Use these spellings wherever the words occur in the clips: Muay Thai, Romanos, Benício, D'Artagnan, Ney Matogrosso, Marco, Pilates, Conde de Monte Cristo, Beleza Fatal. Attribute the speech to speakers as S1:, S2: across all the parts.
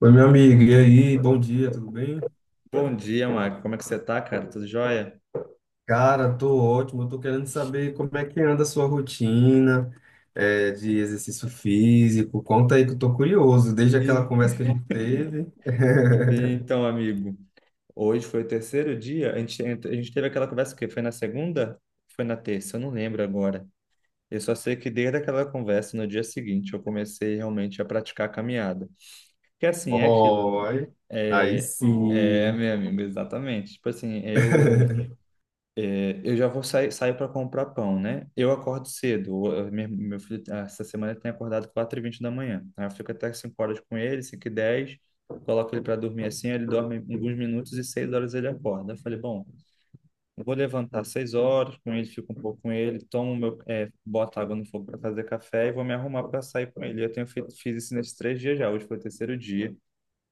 S1: Oi, meu amigo, e aí? Bom dia, tudo bem?
S2: Bom dia, Marco. Como é que você tá, cara? Tudo jóia?
S1: Cara, tô ótimo. Eu tô querendo saber como é que anda a sua rotina, de exercício físico. Conta aí que eu tô curioso, desde aquela
S2: Ent-
S1: conversa que a gente teve.
S2: Então, amigo, hoje foi o terceiro dia. A gente teve aquela conversa que foi na segunda? Foi na terça? Eu não lembro agora. Eu só sei que desde aquela conversa, no dia seguinte, eu comecei realmente a praticar a caminhada. Que assim, é aquilo, né?
S1: Oi, aí
S2: É, é,
S1: sim.
S2: meu amigo, exatamente. Tipo assim, eu Eu já vou sair, saio para comprar pão, né? Eu acordo cedo. Meu filho, ah, essa semana, ele tem acordado 4h20 da manhã. Aí eu fico até 5 horas com ele, 5h10, coloco ele para dormir assim, ele dorme alguns minutos e 6 horas ele acorda. Eu falei, bom, eu vou levantar às 6 horas com ele, fico um pouco com ele, boto água no fogo para fazer café e vou me arrumar para sair com ele. Eu tenho feito, fiz isso nesses três dias já. Hoje foi o terceiro dia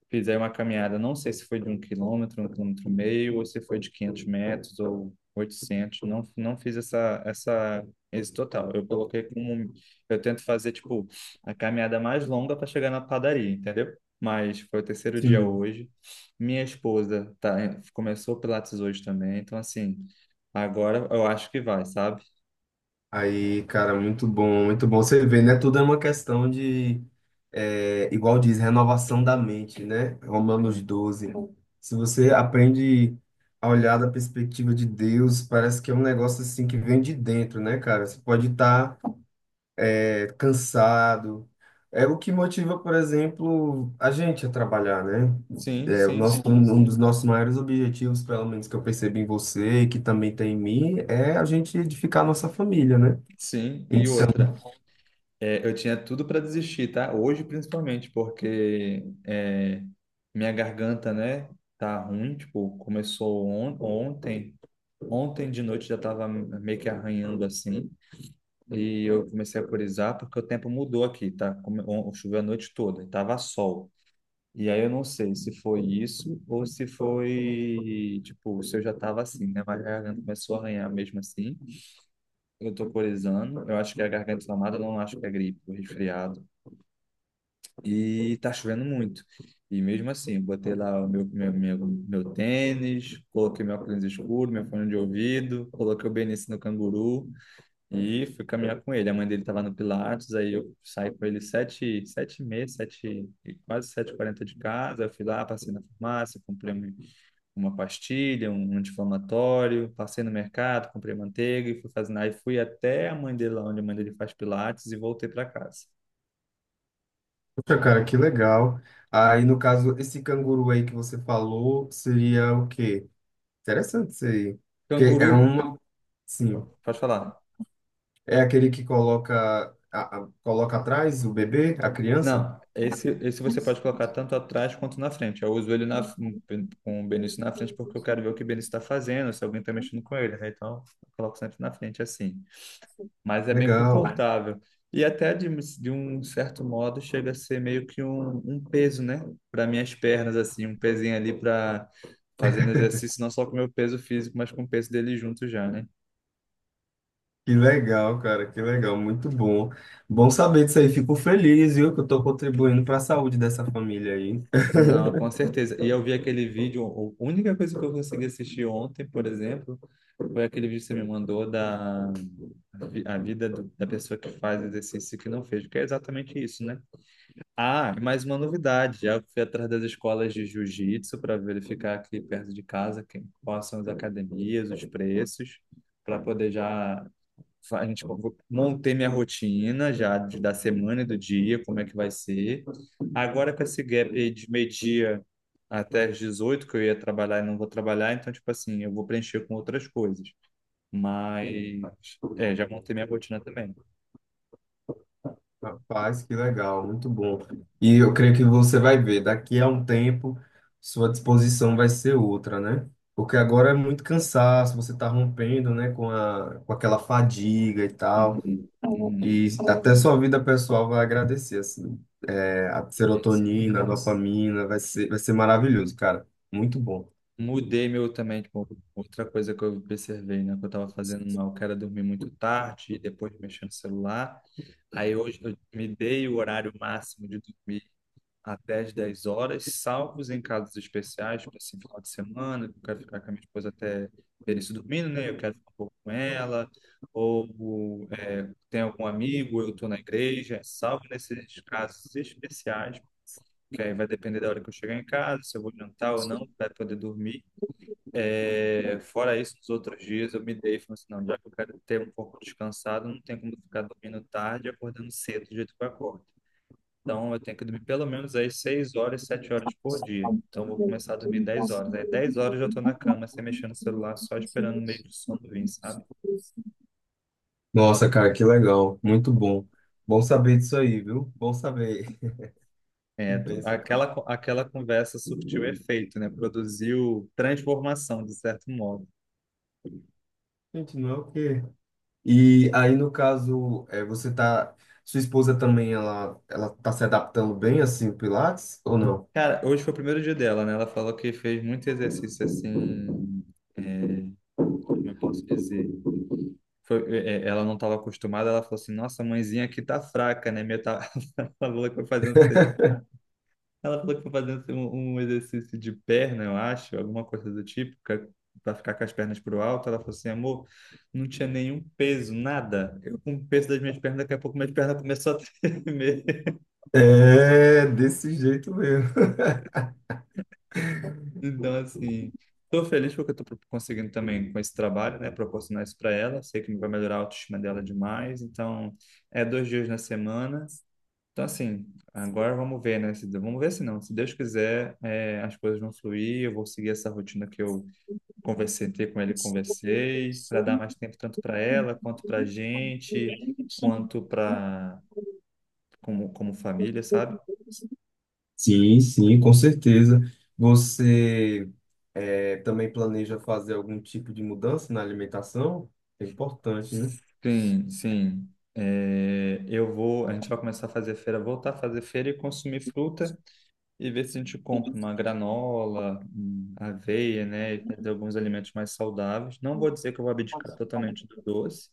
S2: fizer uma caminhada, não sei se foi de 1 quilômetro, 1,5 quilômetro, ou se foi de 500 metros ou 800. Não fiz esse total. Eu coloquei como, um, eu tento fazer, tipo, a caminhada mais longa para chegar na padaria, entendeu? Mas foi o terceiro dia
S1: Sim.
S2: hoje. Minha esposa começou o Pilates hoje também, então assim, agora eu acho que vai, sabe?
S1: Aí, cara, muito bom, muito bom. Você vê, né? Tudo é uma questão de, é, igual diz, renovação da mente, né? Romanos
S2: Sim,
S1: doze Se você aprende a olhar da perspectiva de Deus, parece que é um negócio assim que vem de dentro, né, cara? Você pode estar cansado. É o que motiva, por exemplo, a gente a trabalhar, né?
S2: sim,
S1: É, o
S2: sim.
S1: nosso, um dos nossos maiores objetivos, pelo menos que eu percebi em você e que também tem em mim, é a gente edificar a nossa família, né?
S2: Sim. E
S1: Então,
S2: outra, é, eu tinha tudo para desistir, tá? Hoje, principalmente, porque é, minha garganta, né, tá ruim. Tipo, começou on ontem. Ontem de noite já tava meio que arranhando assim. E eu comecei a corizar porque o tempo mudou aqui, tá? Choveu a noite toda, e tava sol. E aí eu não sei se foi isso ou se foi, tipo, se eu já tava assim, né? Mas a garganta começou a arranhar mesmo assim. Eu tô corizando. Eu acho que é a garganta inflamada, eu não acho que é gripe, ou resfriado. E tá chovendo muito. E mesmo assim, eu botei lá o meu tênis, coloquei meu óculos escuro, meu fone de ouvido, coloquei o Benício no canguru e fui caminhar com ele. A mãe dele estava no Pilates, aí eu saí com ele sete, sete e meia, sete, e quase sete e quarenta de casa. Eu fui lá, passei na farmácia, comprei uma pastilha, um anti-inflamatório, passei no mercado, comprei manteiga e fui fazendo. Aí fui até a mãe dele lá, onde a mãe dele faz Pilates e voltei para casa.
S1: poxa, cara, que legal. Aí, no caso, esse canguru aí que você falou seria o quê? Interessante isso aí. Porque
S2: Canguru,
S1: é uma. Sim.
S2: pode falar.
S1: É aquele que coloca, coloca atrás o bebê, a criança?
S2: Não, esse você
S1: Isso.
S2: pode colocar tanto atrás quanto na frente. Eu uso ele com o Benício na frente porque eu quero ver o que o Benício está fazendo, se alguém está mexendo com ele, né? Então, eu coloco sempre na frente assim. Mas é bem
S1: Legal.
S2: confortável. E até de um certo modo chega a ser meio que um peso, né? Para minhas pernas, assim, um pezinho ali para fazendo exercício, não só com o meu peso físico, mas com o peso dele junto já, né?
S1: Que legal, cara, que legal. Muito bom. Bom saber disso aí. Fico feliz, viu, que eu tô contribuindo para a saúde dessa família aí.
S2: Não, com certeza. E eu vi aquele vídeo, a única coisa que eu consegui assistir ontem, por exemplo. Foi aquele vídeo que você me mandou a vida da pessoa que faz exercício e que não fez, que é exatamente isso, né? Ah, e mais uma novidade. Já fui atrás das escolas de jiu-jitsu para verificar aqui perto de casa quem, quais são as academias, os preços, para poder já montei minha rotina já da semana e do dia, como é que vai ser. Agora com esse gap aí de meio-dia até as 18 que eu ia trabalhar e não vou trabalhar, então tipo assim, eu vou preencher com outras coisas. Mas é, já montei minha rotina também.
S1: Rapaz, que legal, muito bom. E eu creio que você vai ver, daqui a um tempo, sua disposição vai ser outra, né? Porque agora é muito cansaço, você está rompendo, né, com a, com aquela fadiga e tal,
S2: Uhum, uhum.
S1: e até sua vida pessoal vai agradecer, assim. É, a
S2: É isso.
S1: serotonina, a dopamina, vai ser maravilhoso, cara. Muito bom.
S2: Mudei meu também, tipo, outra coisa que eu observei, né? Que eu tava fazendo mal, que era dormir muito tarde e depois mexer no celular. Aí hoje eu me dei o horário máximo de dormir até as 10 horas, salvos em casos especiais, tipo assim, final de semana, que eu quero ficar com a minha esposa até ter isso dormindo, né? Eu quero ficar um pouco com ela, ou tem algum amigo, eu estou na igreja, salvo nesses casos especiais, que aí vai depender da hora que eu chegar em casa, se eu vou jantar ou não, vai poder dormir. É, fora isso, nos outros dias eu me dei e falei assim, não, já que eu quero ter um pouco descansado, não tem como ficar dormindo tarde e acordando cedo do jeito que eu acordo. Então eu tenho que dormir pelo menos aí 6 horas, 7 horas por dia. Então eu vou começar a dormir 10 horas. Aí 10 horas eu já estou na cama, sem mexer no celular, só esperando o meio do sono vir, sabe?
S1: Nossa, cara, que legal, muito bom. Bom saber disso aí, viu? Bom saber. Que
S2: É,
S1: bênção, cara.
S2: aquela conversa surtiu efeito, né? Produziu transformação, de certo modo.
S1: Gente, não é o quê? E aí, no caso, é, você tá. Sua esposa também, ela tá se adaptando bem, assim, o Pilates, ou não?
S2: Cara, hoje foi o primeiro dia dela, né? Ela falou que fez muito exercício assim. é, Como eu posso dizer? Ela não estava acostumada, ela falou assim: Nossa, mãezinha aqui tá fraca, né? Minha tá... Ela falou que foi fazendo, ela falou que foi fazendo assim, um exercício de perna, eu acho, alguma coisa do tipo, para ficar com as pernas pro alto. Ela falou assim: Amor, não tinha nenhum peso, nada. Eu com o peso das minhas pernas, daqui a pouco minhas pernas começou a tremer.
S1: É, desse jeito mesmo.
S2: Então, assim, estou feliz porque eu estou conseguindo também com esse trabalho, né, proporcionar isso para ela. Sei que vai melhorar a autoestima dela demais. Então, é 2 dias na semana. Então, assim, agora vamos ver, né? Vamos ver se não. Se Deus quiser, as coisas vão fluir. Eu vou seguir essa rotina que eu conversei com ele, conversei, para dar mais tempo tanto para ela, quanto para gente, quanto para como família, sabe?
S1: Sim, sim, com certeza. Você, é, também planeja fazer algum tipo de mudança na alimentação? É importante, né?
S2: Sim, sim. É, eu vou, a gente vai começar a fazer feira, voltar a fazer feira e consumir fruta e ver se a gente compra uma granola, aveia, né, e fazer alguns alimentos mais saudáveis. Não vou dizer que eu vou abdicar totalmente do doce,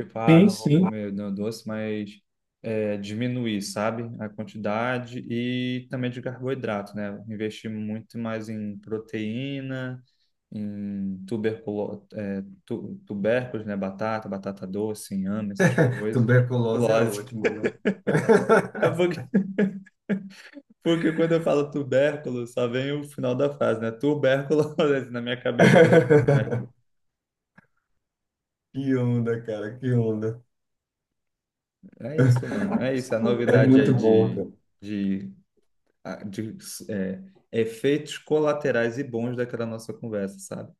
S2: tipo, ah, não vou comer não, doce, mas diminuir, sabe? A quantidade e também de carboidrato, né? Investir muito mais em proteína, em tuberculo, tubérculos, né? Batata, batata doce, inhame, essas coisas.
S1: Tuberculose é
S2: Tuberculose.
S1: ótimo, né?
S2: É porque quando eu falo tubérculo, só vem o final da frase, né? Tuberculose na minha cabeça, mas é tubérculo.
S1: Que onda, cara, que onda.
S2: É isso, mano. É isso. A
S1: É
S2: novidade aí
S1: muito bom.
S2: de de, é, efeitos colaterais e bons daquela nossa conversa, sabe?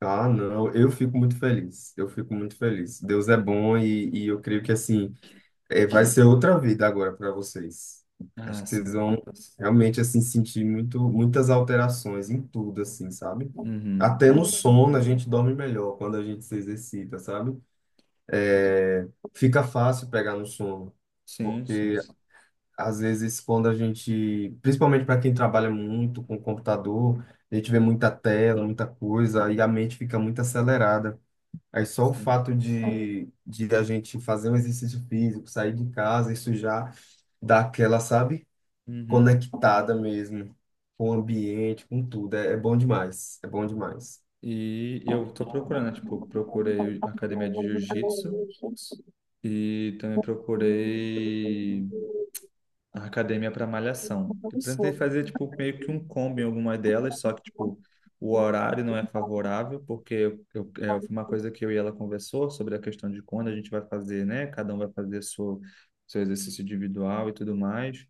S1: Ah, não, eu fico muito feliz. Eu fico muito feliz. Deus é bom e eu creio que assim, é, vai ser outra vida agora para vocês. Acho
S2: Ah,
S1: que vocês
S2: sim.
S1: vão realmente assim sentir muito, muitas alterações em tudo, assim, sabe?
S2: Uhum,
S1: Até no
S2: uhum.
S1: sono a gente dorme melhor quando a gente se exercita, sabe? Fica fácil pegar no sono,
S2: Sim,
S1: porque
S2: sim,
S1: às vezes quando a gente, principalmente para quem trabalha muito com computador, a gente vê muita tela, muita coisa e a mente fica muito acelerada. Aí só o
S2: sim.
S1: fato de a gente fazer um exercício físico, sair de casa, isso já dá aquela, sabe,
S2: Uhum.
S1: conectada mesmo com o ambiente, com tudo. É, é bom demais, é bom demais.
S2: E eu tô procurando, né, tipo, procurei a academia de jiu-jitsu e também procurei a academia para malhação. Eu tentei fazer tipo meio que um combo em algumas delas, só que tipo o horário não é favorável, porque foi uma coisa que eu e ela conversou sobre a questão de quando a gente vai fazer, né? Cada um vai fazer seu exercício individual e tudo mais,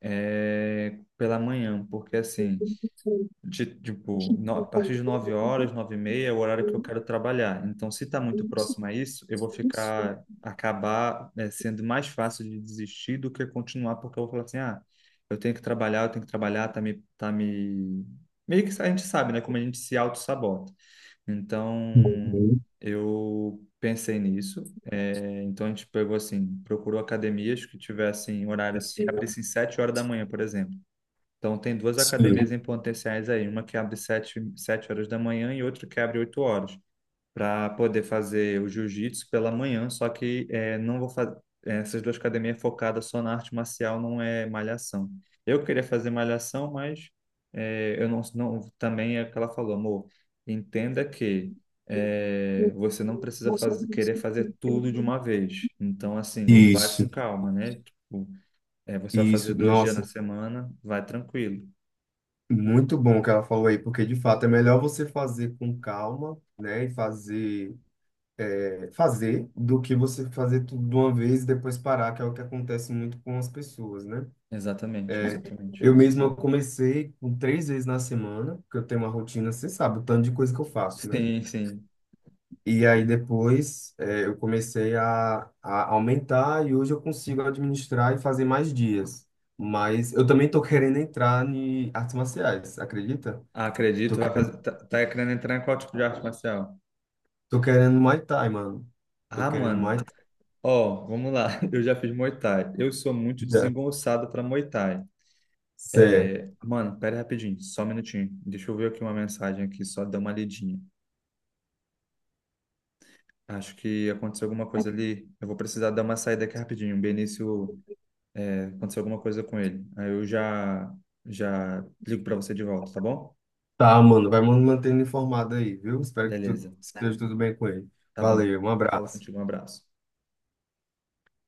S2: é, pela manhã, porque assim tipo, a partir de 9 horas, 9h30 é o horário que eu quero trabalhar. Então, se está muito
S1: Uhum.
S2: próximo a isso, eu vou ficar, acabar, sendo mais fácil de desistir do que continuar, porque eu vou falar assim, ah, eu tenho que trabalhar, eu tenho que trabalhar, tá me... Meio que a gente sabe, né, como a gente se auto-sabota. Então, eu pensei nisso, então a gente pegou assim, procurou academias que tivessem horário que abrissem 7 horas da manhã, por exemplo. Então, tem duas
S1: Sim.
S2: academias em potenciais aí, uma que abre sete horas da manhã e outra que abre 8 horas, para poder fazer o jiu-jitsu pela manhã, só que não vou fazer. Essas duas academias focadas só na arte marcial, não é malhação. Eu queria fazer malhação, mas eu não, não. Também é o que ela falou, amor, entenda que você não precisa fazer, querer fazer tudo de uma vez. Então, assim, vai com
S1: Isso,
S2: calma, né? Tipo, você vai fazer
S1: isso,
S2: 2 dias na
S1: nossa,
S2: semana, vai tranquilo.
S1: muito bom o que ela falou aí, porque de fato é melhor você fazer com calma, né, e fazer, é, fazer do que você fazer tudo de uma vez e depois parar, que é o que acontece muito com as pessoas, né?
S2: Exatamente, exatamente.
S1: Eu mesmo eu comecei com 3 vezes na semana, porque eu tenho uma rotina, você sabe, o tanto de coisa que eu faço, né?
S2: Sim, sim.
S1: E aí depois, eu comecei a aumentar e hoje eu consigo administrar e fazer mais dias. Mas eu também tô querendo entrar em artes marciais, acredita?
S2: Ah,
S1: Tô,
S2: acredito, vai fazer. Tá, tá querendo entrar em qual tipo de arte marcial?
S1: tô querendo Muay Thai, mano. Tô
S2: Ah,
S1: querendo
S2: mano.
S1: Muay Thai.
S2: Ó, vamos lá. Eu já fiz Muay Thai. Eu sou muito
S1: Já.
S2: desengonçado pra Muay Thai.
S1: Certo.
S2: Mano, pera aí rapidinho, só um minutinho. Deixa eu ver aqui uma mensagem aqui, só dar uma lidinha. Acho que aconteceu alguma coisa ali. Eu vou precisar dar uma saída aqui rapidinho. O Benício, aconteceu alguma coisa com ele. Aí eu já já ligo pra você de volta, tá bom?
S1: Tá, mano. Vai me mantendo informado aí, viu? Espero que tu
S2: Beleza.
S1: esteja tudo bem com ele.
S2: Tá bom.
S1: Valeu, um
S2: Já falo
S1: abraço.
S2: contigo. Um abraço.